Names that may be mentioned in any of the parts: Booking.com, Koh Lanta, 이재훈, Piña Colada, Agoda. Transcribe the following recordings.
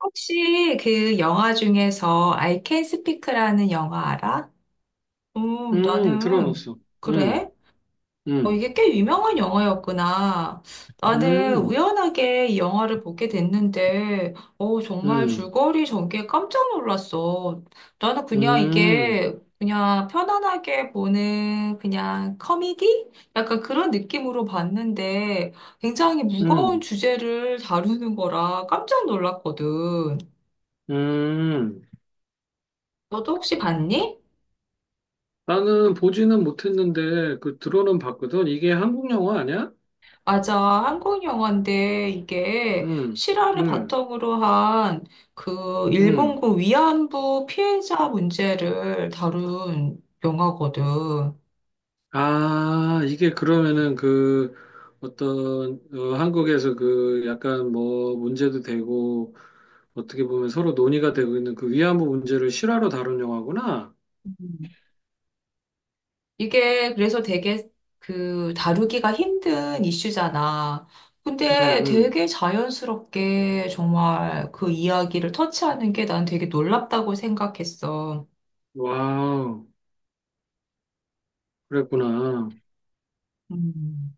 혹시 그 영화 중에서 I Can Speak라는 영화 알아? 나는 들어봤어. 음. 그래? 음. 이게 꽤 유명한 영화였구나. 나는 음. 우연하게 이 영화를 보게 됐는데, 정말 음. 줄거리 전개에 깜짝 놀랐어. 나는 그냥 음. 이게 그냥 편안하게 보는 그냥 커미디? 약간 그런 느낌으로 봤는데, 굉장히 무거운 음. 주제를 다루는 거라 깜짝 놀랐거든. 음. 너도 혹시 봤니? 나는 보지는 못했는데 그 들어는 봤거든. 이게 한국 영화 아니야? 맞아. 한국 영화인데 이게 음. 실화를 음. 바탕으로 한 그 음. 일본군 위안부 피해자 문제를 다룬 영화거든. 아, 이게 그러면은 그 어떤 한국에서 그 약간 뭐 문제도 되고 어떻게 보면 서로 논의가 되고 있는 그 위안부 문제를 실화로 다룬 영화구나. 음. 이게 그래서 되게 그 다루기가 힘든 이슈잖아. 음. 근데 음. 되게 자연스럽게 정말 그 이야기를 터치하는 게 난 되게 놀랍다고 생각했어. 와우, 그랬구나. 음.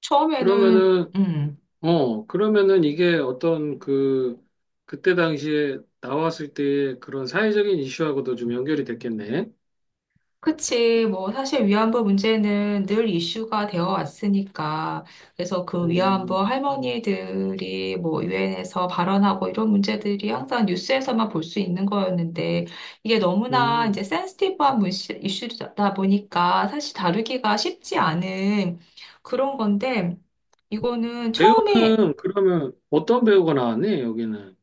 처음에는 그러면은 그러면은 이게 어떤 그때 당시에 나왔을 때의 그런 사회적인 이슈하고도 좀 연결이 됐겠네. 그치. 뭐, 사실 위안부 문제는 늘 이슈가 되어 왔으니까. 그래서 그 위안부 음. 할머니들이 뭐, 유엔에서 발언하고 이런 문제들이 항상 뉴스에서만 볼 수 있는 거였는데, 이게 너무나 음. 이제 센시티브한 이슈다 보니까 사실 다루기가 쉽지 않은 그런 건데, 이거는 처음에, 배우는 그러면 어떤 배우가 나왔니, 여기는?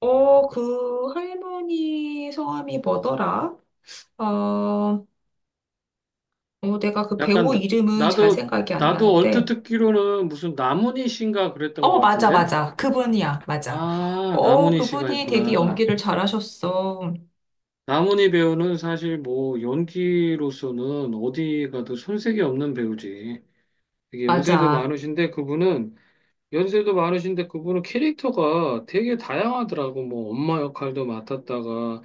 그 할머니 성함이 뭐더라? 어, 어, 내가 그 약간, 배우 이름은 잘 나도, 생각이 안 나도 얼핏 나는데, 듣기로는 무슨 나문희 씨인가 그랬던 어, 것 맞아, 같은데? 맞아. 그분이야, 맞아. 아, 나문희 씨가 그분이 되게 있구나. 연기를 잘하셨어. 나문희 배우는 사실 뭐 연기로서는 어디 가도 손색이 없는 배우지. 되게 연세도 맞아. 많으신데 그분은 연세도 많으신데 그분은 캐릭터가 되게 다양하더라고. 뭐 엄마 역할도 맡았다가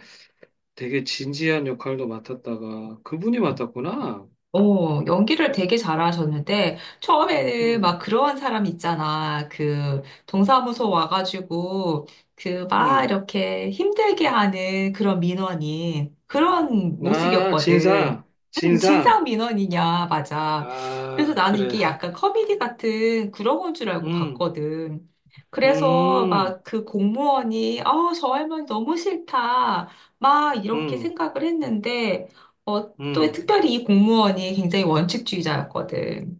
되게 진지한 역할도 맡았다가 그분이 맡았구나. 연기를 되게 잘하셨는데, 처음에는 막 음. 그런 사람 있잖아. 그, 동사무소 와가지고, 그, 막 음. 이렇게 힘들게 하는 그런 민원인, 그런 아, 모습이었거든. 진상, 진상 진상. 민원이냐, 맞아. 그래서 아, 나는 그래. 이게 약간 커미디 같은 그런 건 줄 알고 음. 봤거든. 그래서 음. 막 그 공무원이, 아, 저 할머니 너무 싫다. 막 이렇게 음. 생각을 했는데, 또 음. 특별히 이 공무원이 굉장히 원칙주의자였거든.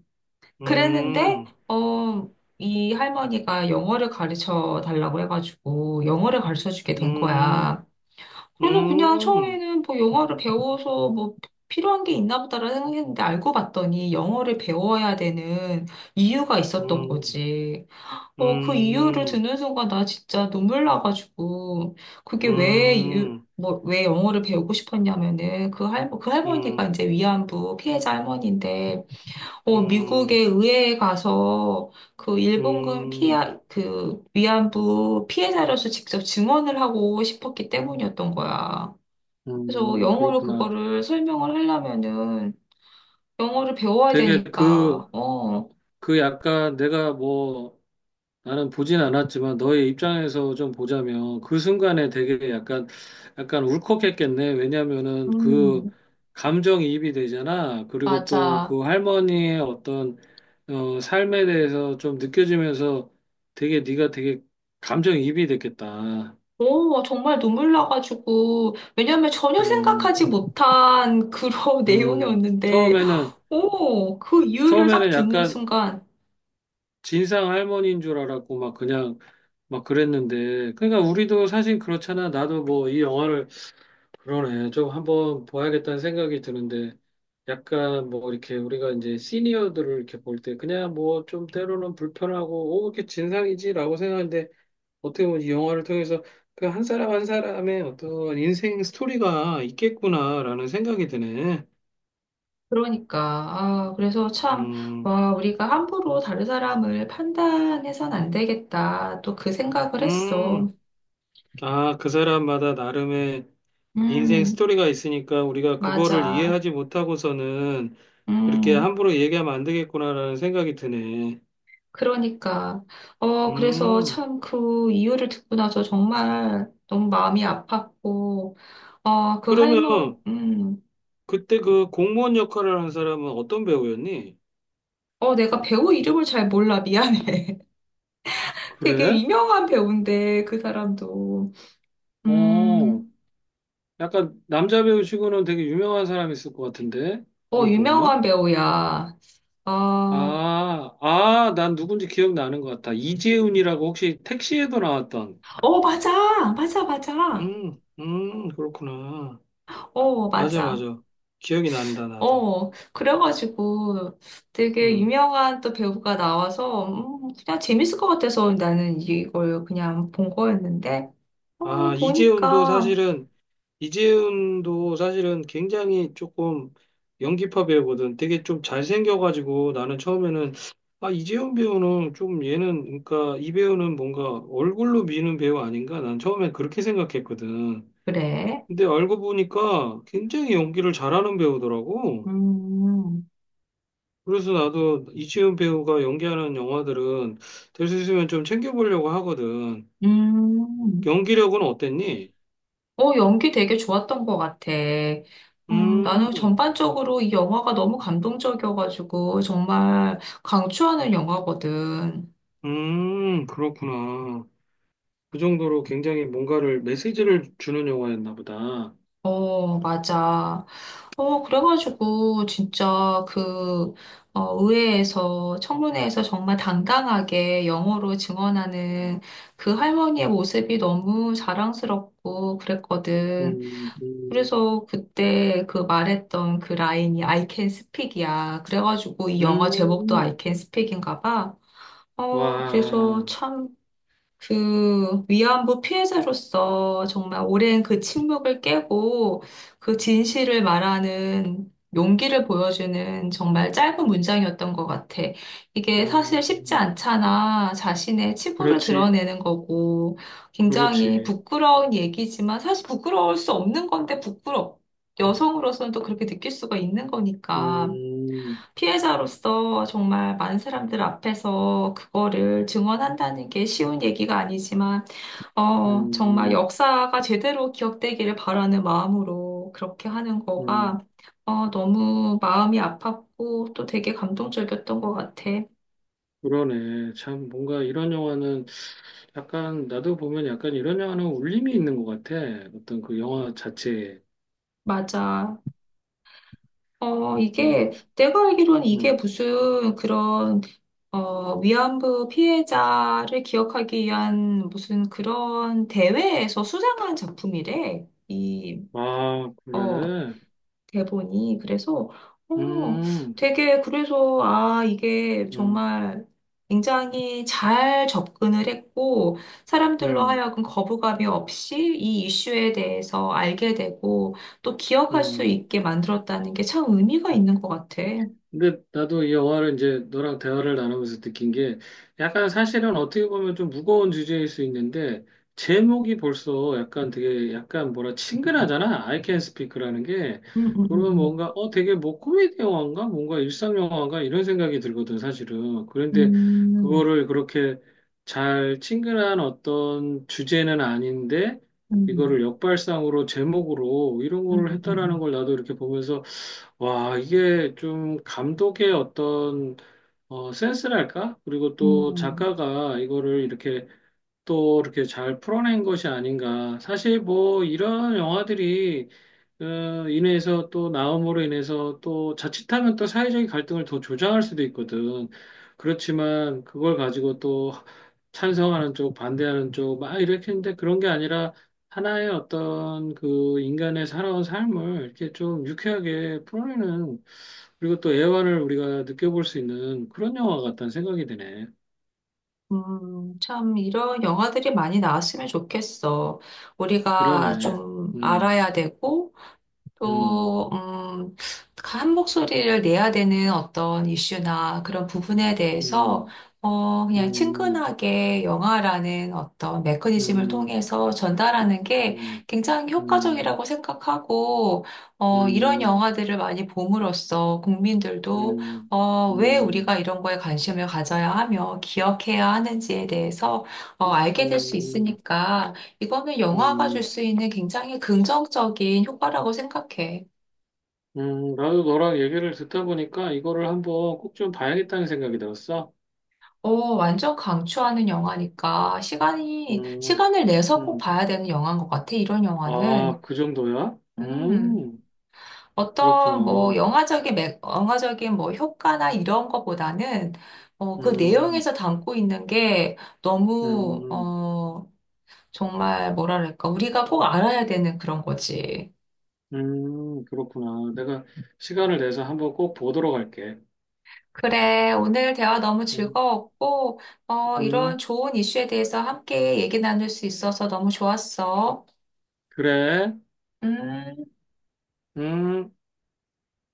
그랬는데, 음. 어, 이 할머니가 영어를 가르쳐 달라고 해가지고 영어를 가르쳐 주게 된 음. 거야. 음. 그래서 그냥 음. 처음에는 뭐 영어를 배워서 뭐 필요한 게 있나 보다라는 생각했는데 알고 봤더니 영어를 배워야 되는 이유가 있었던 음. 거지. 그 이유를 음. 듣는 순간 나 진짜 눈물 나가지고 그게 왜 이유, 뭐, 왜 영어를 배우고 싶었냐면은 그 음. 할머니가 음. 이제 위안부 피해자 할머니인데 미국의 의회에 가서 그 일본군 피해, 음. 그 위안부 피해자로서 직접 증언을 하고 싶었기 때문이었던 거야. 그래서 영어로 그렇구나. 그거를 설명을 하려면은 영어를 배워야 되게 그 되니까, 그 약간 내가 뭐 나는 보진 않았지만 너의 입장에서 좀 보자면 그 순간에 되게 약간 울컥했겠네. 왜냐면은 그 음, 감정이입이 되잖아. 그리고 또 맞아. 그 할머니의 어떤 삶에 대해서 좀 느껴지면서 되게 네가 되게 감정이입이 됐겠다. 오, 정말 눈물 나가지고, 왜냐면 전혀 음, 생각하지 못한 그런 음, 내용이었는데, 처음에는 오, 그 이유를 딱 처음에는 듣는 약간 순간, 진상 할머니인 줄 알았고 막 그냥 막 그랬는데, 그러니까 우리도 사실 그렇잖아. 나도 뭐 이 영화를 그러네 좀 한번 봐야겠다는 생각이 드는데, 약간 뭐 이렇게 우리가 이제 시니어들을 이렇게 볼 때 그냥 뭐 좀 때로는 불편하고 오 이렇게 진상이지라고 생각하는데, 어떻게 보면 이 영화를 통해서 그 한 사람 한 사람의 어떤 인생 스토리가 있겠구나라는 생각이 드네. 그러니까, 아, 그래서 참, 음 와, 우리가 함부로 다른 사람을 판단해선 안 되겠다. 또 그 생각을 했어. 음 아, 그 사람마다 나름의 인생 음, 스토리가 있으니까 우리가 그거를 맞아. 이해하지 못하고서는 그렇게 음. 함부로 얘기하면 안 되겠구나라는 생각이 드네. 그러니까, 그래서 음, 참 그 이유를 듣고 나서 정말 너무 마음이 아팠고, 어, 그 그러면 할머니, 그때 그 공무원 역할을 한 사람은 어떤 배우였니? 내가 배우 이름을 잘 몰라. 미안해. 되게 그래? 유명한 배우인데, 그 사람도. 어, 음, 약간 남자 배우치고는 되게 유명한 사람이 있을 것 같은데, 어, 이게 보면. 유명한 배우야. 아, 아, 아, 난 누군지 기억나는 것 같아. 이재훈이라고 혹시 택시에도 나왔던. 어, 맞아. 맞아, 맞아. 그렇구나. 어, 맞아, 맞아. 맞아. 기억이 난다, 나도. 그래가지고 되게 음. 유명한 또 배우가 나와서 그냥 재밌을 것 같아서 나는 이걸 그냥 본 거였는데, 어, 아, 이재훈도 보니까, 사실은, 이재훈도 사실은 굉장히 조금 연기파 배우거든. 되게 좀 잘생겨가지고 나는 처음에는, 아, 이재훈 배우는 좀 얘는, 그러니까 이 배우는 뭔가 얼굴로 미는 배우 아닌가? 난 처음엔 그렇게 생각했거든. 그래. 근데 알고 보니까 굉장히 연기를 잘하는 배우더라고. 음, 그래서 나도 이재훈 배우가 연기하는 영화들은 될 수 있으면 좀 챙겨보려고 하거든. 음. 연기력은 어땠니? 연기 되게 좋았던 것 같아. 음. 나는 전반적으로 이 영화가 너무 감동적이어가지고 정말 강추하는 영화거든. 그렇구나. 그 정도로 굉장히 뭔가를 메시지를 주는 영화였나 보다. 어, 맞아. 그래가지고, 진짜 그, 의회에서, 청문회에서 정말 당당하게 영어로 증언하는 그 할머니의 모습이 너무 자랑스럽고 그랬거든. 음. 음. 그래서 그때 그 말했던 그 라인이 I can speak이야. 그래가지고 이 영화 제목도 I 음. can speak인가 봐. 그래서 와, 참 그 위안부 피해자로서 정말 오랜 그 침묵을 깨고 그 진실을 말하는 용기를 보여주는 정말 짧은 문장이었던 것 같아. 이게 사실 쉽지 음, 않잖아. 자신의 치부를 그렇지, 드러내는 거고 굉장히 그렇지. 부끄러운 얘기지만 사실 부끄러울 수 없는 건데 부끄럽. 여성으로서는 또 그렇게 느낄 수가 있는 거니까. 음, 피해자로서 정말 많은 사람들 앞에서 그거를 증언한다는 게 쉬운 얘기가 아니지만, 정말 음, 역사가 제대로 기억되기를 바라는 마음으로 그렇게 하는 음, 거가, 너무 마음이 아팠고 또 되게 감동적이었던 것 같아. 그러네. 참, 뭔가 이런 영화는 약간, 나도 보면 약간 이런 영화는 울림이 있는 것 같아. 어떤 그 영화 자체에. 맞아. 어, 이게, 음. 내가 알기로는 이게 음. 무슨 그런, 위안부 피해자를 기억하기 위한 무슨 그런 대회에서 수상한 작품이래. 이 아, 어, 그래. 대본이. 그래서, 어, 음. 되게, 그래서, 아, 이게 음. 정말 굉장히 잘 접근을 했고, 사람들로 음. 하여금 거부감이 없이 이 이슈에 대해서 알게 되고, 또 기억할 수 음. 있게 만들었다는 게 참 의미가 있는 것 같아. 근데 나도 이 영화를 이제 너랑 대화를 나누면서 느낀 게 약간 사실은 어떻게 보면 좀 무거운 주제일 수 있는데 제목이 벌써 약간 되게 약간 뭐라 친근하잖아. I Can Speak라는 게 음, 그러면 음, 뭔가 되게 뭐 코미디 영화인가 뭔가 일상 영화인가 이런 생각이 들거든 사실은. 그런데 음, 그거를 그렇게 잘 친근한 어떤 주제는 아닌데 음, 음, 이거를 역발상으로 제목으로 이런 걸 했다라는 음, 걸 나도 이렇게 보면서 와, 이게 좀 감독의 어떤 센스랄까? 그리고 음, 또 음, 작가가 이거를 이렇게 또 이렇게 잘 풀어낸 것이 아닌가. 사실 뭐 이런 영화들이 인해서 또 나옴으로 인해서 또 자칫하면 또 사회적인 갈등을 더 조장할 수도 있거든. 그렇지만 그걸 가지고 또 찬성하는 쪽, 반대하는 쪽, 막 이렇게 했는데 그런 게 아니라 하나의 어떤 그 인간의 살아온 삶을 이렇게 좀 유쾌하게 풀어내는 그리고 또 애환을 우리가 느껴볼 수 있는 그런 영화 같다는 생각이 드네. 참, 이런 영화들이 많이 나왔으면 좋겠어. 우리가 그러네. 좀 음. 알아야 되고, 음. 또, 한 목소리를 내야 되는 어떤 이슈나 그런 부분에 대해서, 음. 그냥 음. 친근하게 영화라는 어떤 메커니즘을 음. 통해서 전달하는 게 음. 굉장히 음. 효과적이라고 생각하고, 이런 음. 영화들을 많이 봄으로써 국민들도, 음. 왜 음. 우리가 이런 거에 관심을 가져야 하며 기억해야 하는지에 대해서, 알게 될 수 음. 있으니까, 이거는 영화가 줄 음, 수 있는 굉장히 긍정적인 효과라고 생각해. 나도 너랑 얘기를 듣다 보니까 이거를 한번 꼭 좀 봐야겠다는 생각이 들었어. 완전 강추하는 영화니까 음, 시간을 내서 꼭 음, 봐야 되는 영화인 것 같아, 이런 아, 영화는. 그 정도야? 음, 어떤 뭐 그렇구나. 영화적인 뭐 효과나 이런 거보다는 그 음, 내용에서 담고 있는 게 너무, 음, 어, 정말 뭐랄까, 우리가 꼭 알아야 되는 그런 거지. 그렇구나. 내가 시간을 내서 한번 꼭 보도록 할게. 그래, 오늘 대화 너무 음, 즐거웠고, 음, 이런 좋은 이슈에 대해서 함께 얘기 나눌 수 있어서 너무 좋았어. 그래. 음. 음.